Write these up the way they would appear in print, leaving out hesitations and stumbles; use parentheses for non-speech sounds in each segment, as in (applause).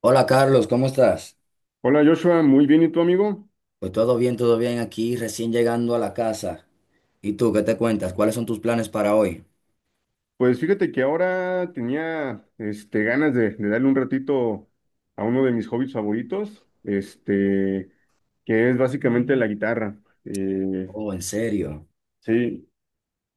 Hola Carlos, ¿cómo estás? Hola Joshua, muy bien, ¿y tú amigo? Pues todo bien aquí, recién llegando a la casa. ¿Y tú qué te cuentas? ¿Cuáles son tus planes para hoy? Pues fíjate que ahora tenía ganas de darle un ratito a uno de mis hobbies favoritos, que es básicamente la guitarra. Eh, Oh, en serio. sí,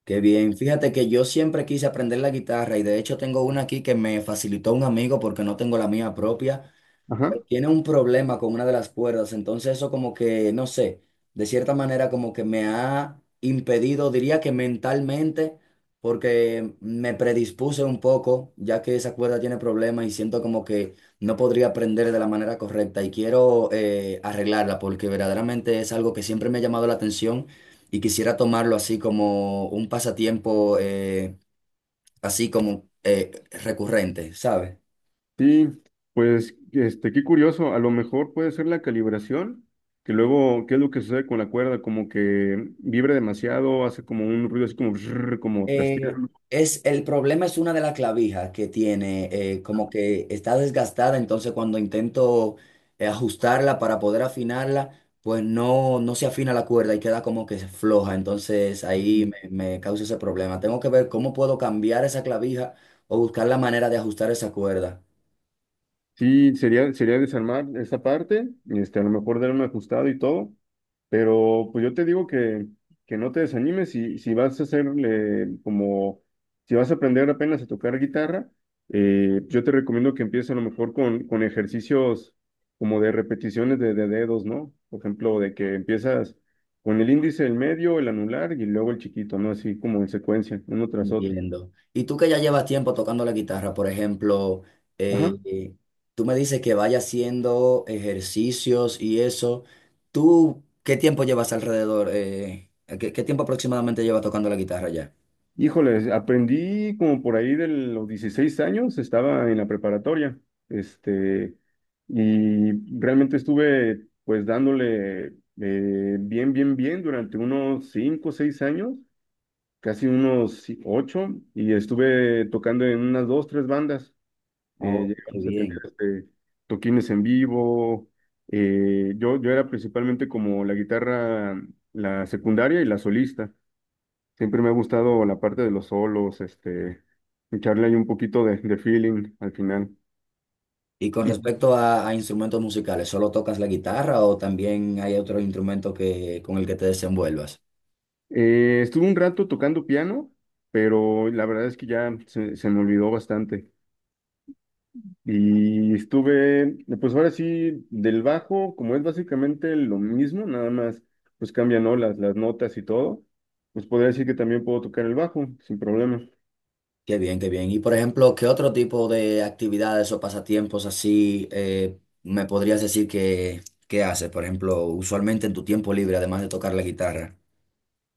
Qué bien. Fíjate que yo siempre quise aprender la guitarra y de hecho tengo una aquí que me facilitó un amigo porque no tengo la mía propia. ajá, Tiene un problema con una de las cuerdas, entonces eso como que, no sé, de cierta manera como que me ha impedido, diría que mentalmente, porque me predispuse un poco, ya que esa cuerda tiene problemas y siento como que no podría aprender de la manera correcta y quiero arreglarla, porque verdaderamente es algo que siempre me ha llamado la atención y quisiera tomarlo así como un pasatiempo, así como recurrente, ¿sabes? sí, pues qué curioso, a lo mejor puede ser la calibración, que luego, ¿qué es lo que sucede con la cuerda? Como que vibra demasiado, hace como un ruido así como, brrr, como Eh, trasteando. el problema es una de las clavijas que tiene, como que está desgastada, entonces cuando intento ajustarla para poder afinarla, pues no, no se afina la cuerda y queda como que floja, entonces ahí me causa ese problema. Tengo que ver cómo puedo cambiar esa clavija o buscar la manera de ajustar esa cuerda. Sí, sería desarmar esa parte, a lo mejor dar un ajustado y todo, pero pues yo te digo que no te desanimes si vas a hacerle como, si vas a aprender apenas a tocar guitarra, yo te recomiendo que empieces a lo mejor con ejercicios como de repeticiones de dedos, ¿no? Por ejemplo, de que empiezas con el índice, el medio, el anular y luego el chiquito, ¿no? Así como en secuencia, uno tras otro. Entiendo. Y tú que ya llevas tiempo tocando la guitarra, por ejemplo, Ajá. eh, eh, tú me dices que vaya haciendo ejercicios y eso. ¿Tú qué tiempo llevas alrededor? ¿Qué tiempo aproximadamente llevas tocando la guitarra ya? Híjoles, aprendí como por ahí de los 16 años, estaba en la preparatoria, este, y realmente estuve pues dándole bien durante unos 5 o 6 años, casi unos 8 y estuve tocando en unas dos, tres bandas. Oh, qué Llegamos a tener bien. Toquines en vivo. Yo era principalmente como la guitarra, la secundaria y la solista. Siempre me ha gustado la parte de los solos, echarle ahí un poquito de feeling al final. Y con Y respecto a instrumentos musicales, ¿solo tocas la guitarra o también hay otro instrumento con el que te desenvuelvas? Estuve un rato tocando piano, pero la verdad es que ya se me olvidó bastante. Y estuve, pues ahora sí, del bajo, como es básicamente lo mismo, nada más, pues cambian, ¿no? las notas y todo, pues podría decir que también puedo tocar el bajo sin problema. Qué bien, qué bien. Y por ejemplo, ¿qué otro tipo de actividades o pasatiempos así me podrías decir que haces? Por ejemplo, usualmente en tu tiempo libre, además de tocar la guitarra.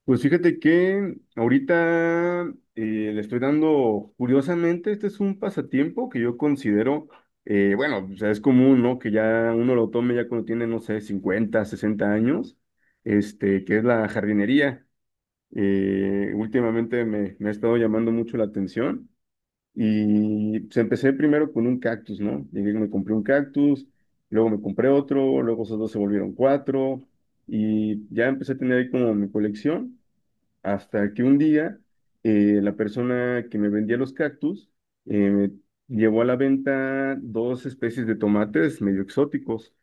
Pues fíjate que ahorita le estoy dando, curiosamente, este es un pasatiempo que yo considero, bueno, o sea, es común, ¿no? Que ya uno lo tome ya cuando tiene, no sé, 50, 60 años, que es la jardinería. Últimamente me ha estado llamando mucho la atención y pues, empecé primero con un cactus, ¿no? Llegué, y me compré un cactus, luego me compré otro, luego esos dos se volvieron cuatro y ya empecé a tener ahí como mi colección. Hasta que un día la persona que me vendía los cactus eh, llevó a la venta dos especies de tomates medio exóticos.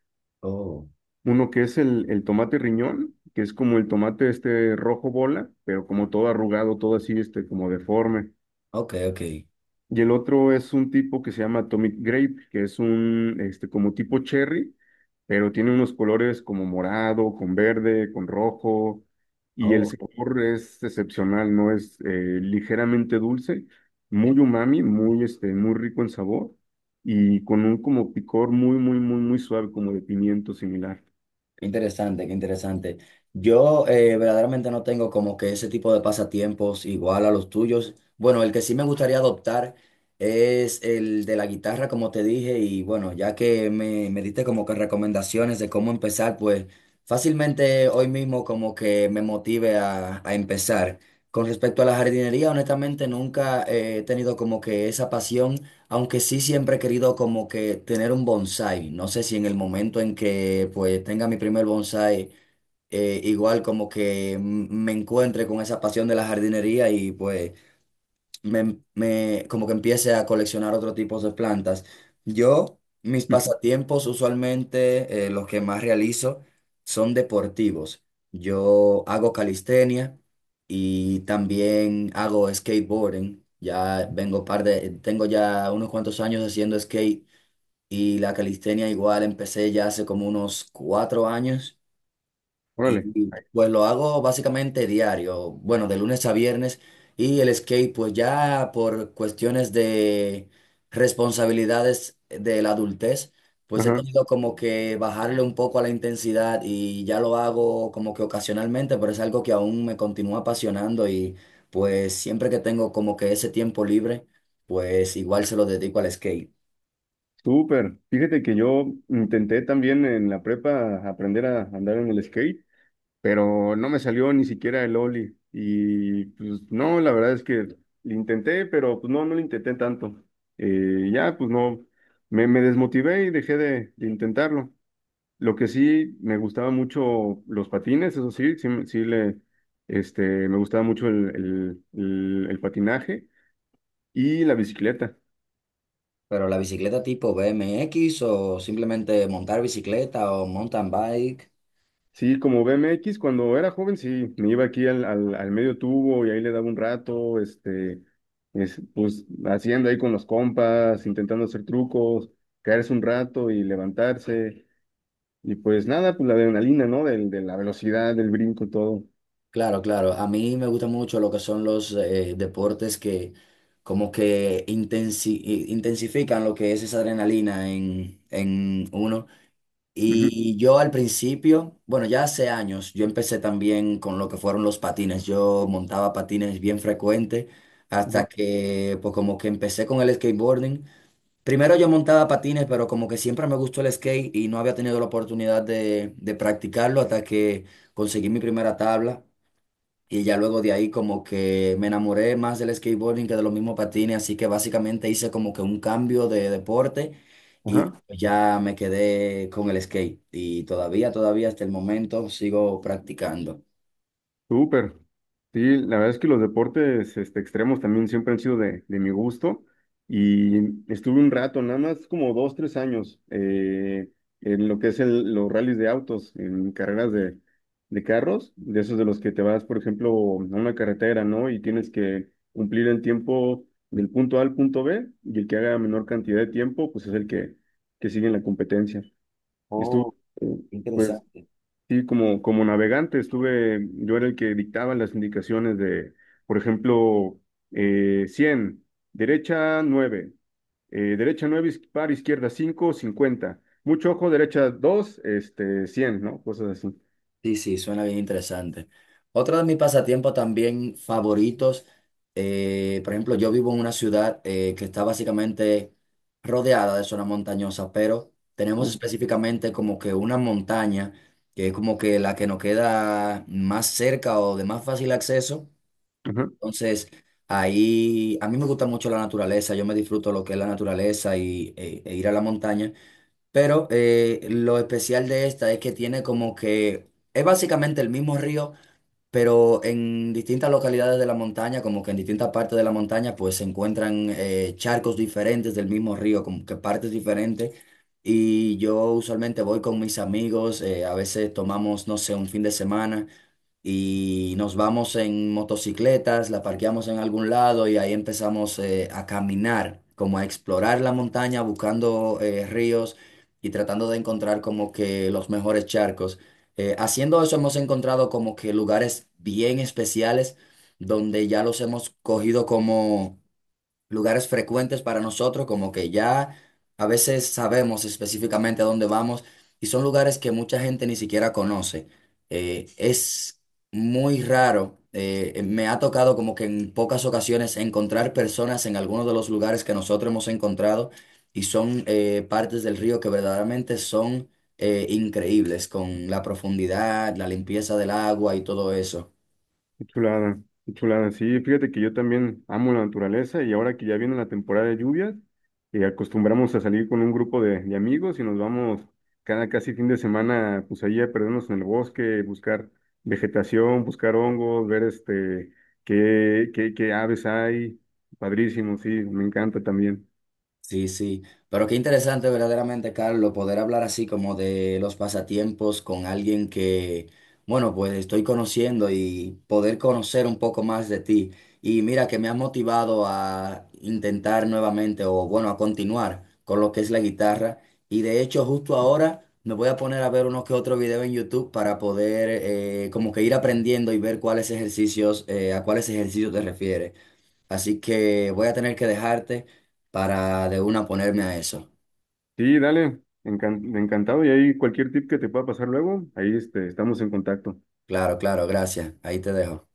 Oh, Uno que es el tomate riñón, que es como el tomate este rojo bola, pero como todo arrugado, todo así, como deforme. ok, ok. Y el otro es un tipo que se llama Atomic Grape, que es un, como tipo cherry, pero tiene unos colores como morado, con verde, con rojo, y el Oh. sabor es excepcional, ¿no? Es ligeramente dulce, muy umami, muy, muy rico en sabor, y con un como picor muy, muy, muy, muy suave, como de pimiento similar. Qué interesante, qué interesante. Yo verdaderamente no tengo como que ese tipo de pasatiempos igual a los tuyos. Bueno, el que sí me gustaría adoptar es el de la guitarra, como te dije, y bueno, ya que me diste como que recomendaciones de cómo empezar, pues fácilmente hoy mismo como que me motive a empezar. Con respecto a la jardinería, honestamente nunca he tenido como que esa pasión. Aunque sí siempre he querido como que tener un bonsai. No sé si en el momento en que pues tenga mi primer bonsai, igual como que me encuentre con esa pasión de la jardinería y pues como que empiece a coleccionar otro tipo de plantas. Yo, mis (laughs) pasatiempos usualmente, los que más realizo, son deportivos. Yo hago calistenia y también hago skateboarding. Ya vengo tengo ya unos cuantos años haciendo skate y la calistenia igual empecé ya hace como unos 4 años. Órale. Y pues lo hago básicamente diario, bueno, de lunes a viernes. Y el skate, pues ya por cuestiones de responsabilidades de la adultez, pues he Ajá, tenido como que bajarle un poco a la intensidad y ya lo hago como que ocasionalmente, pero es algo que aún me continúa apasionando y pues siempre que tengo como que ese tiempo libre, pues igual se lo dedico al skate. súper. Fíjate que yo intenté también en la prepa aprender a andar en el skate, pero no me salió ni siquiera el Oli. Y pues no, la verdad es que lo intenté, pero pues no, no lo intenté tanto. Ya, pues no, me desmotivé y dejé de intentarlo. Lo que sí, me gustaba mucho los patines, eso sí, sí, me gustaba mucho el patinaje y la bicicleta. Pero la bicicleta tipo BMX o simplemente montar bicicleta o mountain bike. Sí, como BMX, cuando era joven, sí, me iba aquí al medio tubo y ahí le daba un rato, pues haciendo ahí con los compas, intentando hacer trucos, caerse un rato y levantarse. Y pues nada, pues la adrenalina, ¿no? De la velocidad, del brinco, todo. Claro, claro. A mí me gusta mucho lo que son los deportes que como que intensifican lo que es esa adrenalina en uno. Ujú, Y yo al principio, bueno, ya hace años, yo empecé también con lo que fueron los patines. Yo montaba patines bien frecuente ajá, hasta que pues como que empecé con el skateboarding. Primero yo montaba patines, pero como que siempre me gustó el skate y no había tenido la oportunidad de practicarlo hasta que conseguí mi primera tabla. Y ya luego de ahí como que me enamoré más del skateboarding que de los mismos patines, así que básicamente hice como que un cambio de deporte y ajá. ya me quedé con el skate. Y todavía, todavía hasta el momento sigo practicando. Súper. Sí, la verdad es que los deportes extremos también siempre han sido de mi gusto y estuve un rato, nada más como 2, 3 años en lo que es los rallies de autos, en carreras de carros, de esos de los que te vas, por ejemplo, a una carretera, ¿no? Y tienes que cumplir el tiempo del punto A al punto B y el que haga menor cantidad de tiempo, pues es que sigue en la competencia. Estuvo, Oh, eh, qué pues interesante. sí, como navegante estuve, yo era el que dictaba las indicaciones de, por ejemplo, 100, derecha 9, derecha 9 iz- par izquierda 5 50, mucho ojo, derecha 2, 100, ¿no? Cosas así. Sí, sí, suena bien interesante. Otro de mis pasatiempos también favoritos, por ejemplo, yo vivo en una ciudad que está básicamente rodeada de zona montañosa, pero tenemos Uh, específicamente como que una montaña que es como que la que nos queda más cerca o de más fácil acceso. Ajá. Entonces, ahí a mí me gusta mucho la naturaleza, yo me disfruto lo que es la naturaleza e ir a la montaña. Pero lo especial de esta es que tiene como que es básicamente el mismo río, pero en distintas localidades de la montaña, como que en distintas partes de la montaña, pues se encuentran charcos diferentes del mismo río, como que partes diferentes. Y yo usualmente voy con mis amigos, a veces tomamos, no sé, un fin de semana y nos vamos en motocicletas, la parqueamos en algún lado y ahí empezamos a caminar, como a explorar la montaña, buscando ríos y tratando de encontrar como que los mejores charcos. Haciendo eso hemos encontrado como que lugares bien especiales donde ya los hemos cogido como, lugares frecuentes para nosotros, como que ya a veces sabemos específicamente a dónde vamos y son lugares que mucha gente ni siquiera conoce. Es muy raro, me ha tocado como que en pocas ocasiones encontrar personas en algunos de los lugares que nosotros hemos encontrado y son partes del río que verdaderamente son increíbles con la profundidad, la limpieza del agua y todo eso. Qué chulada, qué chulada. Sí, fíjate que yo también amo la naturaleza y ahora que ya viene la temporada de lluvias, acostumbramos a salir con un grupo de amigos y nos vamos cada casi fin de semana, pues ahí a perdernos en el bosque, buscar vegetación, buscar hongos, ver qué aves hay. Padrísimo, sí, me encanta también. Sí, sí, pero qué interesante verdaderamente, Carlos, poder hablar así como de los pasatiempos con alguien que, bueno, pues estoy conociendo y poder conocer un poco más de ti. Y mira que me has motivado a intentar nuevamente o bueno, a continuar con lo que es la guitarra. Y de hecho, justo ahora me voy a poner a ver unos que otros videos en YouTube para poder como que ir aprendiendo y ver cuáles ejercicios, a cuáles ejercicios te refieres. Así que voy a tener que dejarte para de una ponerme a eso. Sí, dale, encantado. Y ahí cualquier tip que te pueda pasar luego, ahí estamos en contacto. Claro, claro, gracias. Ahí te dejo.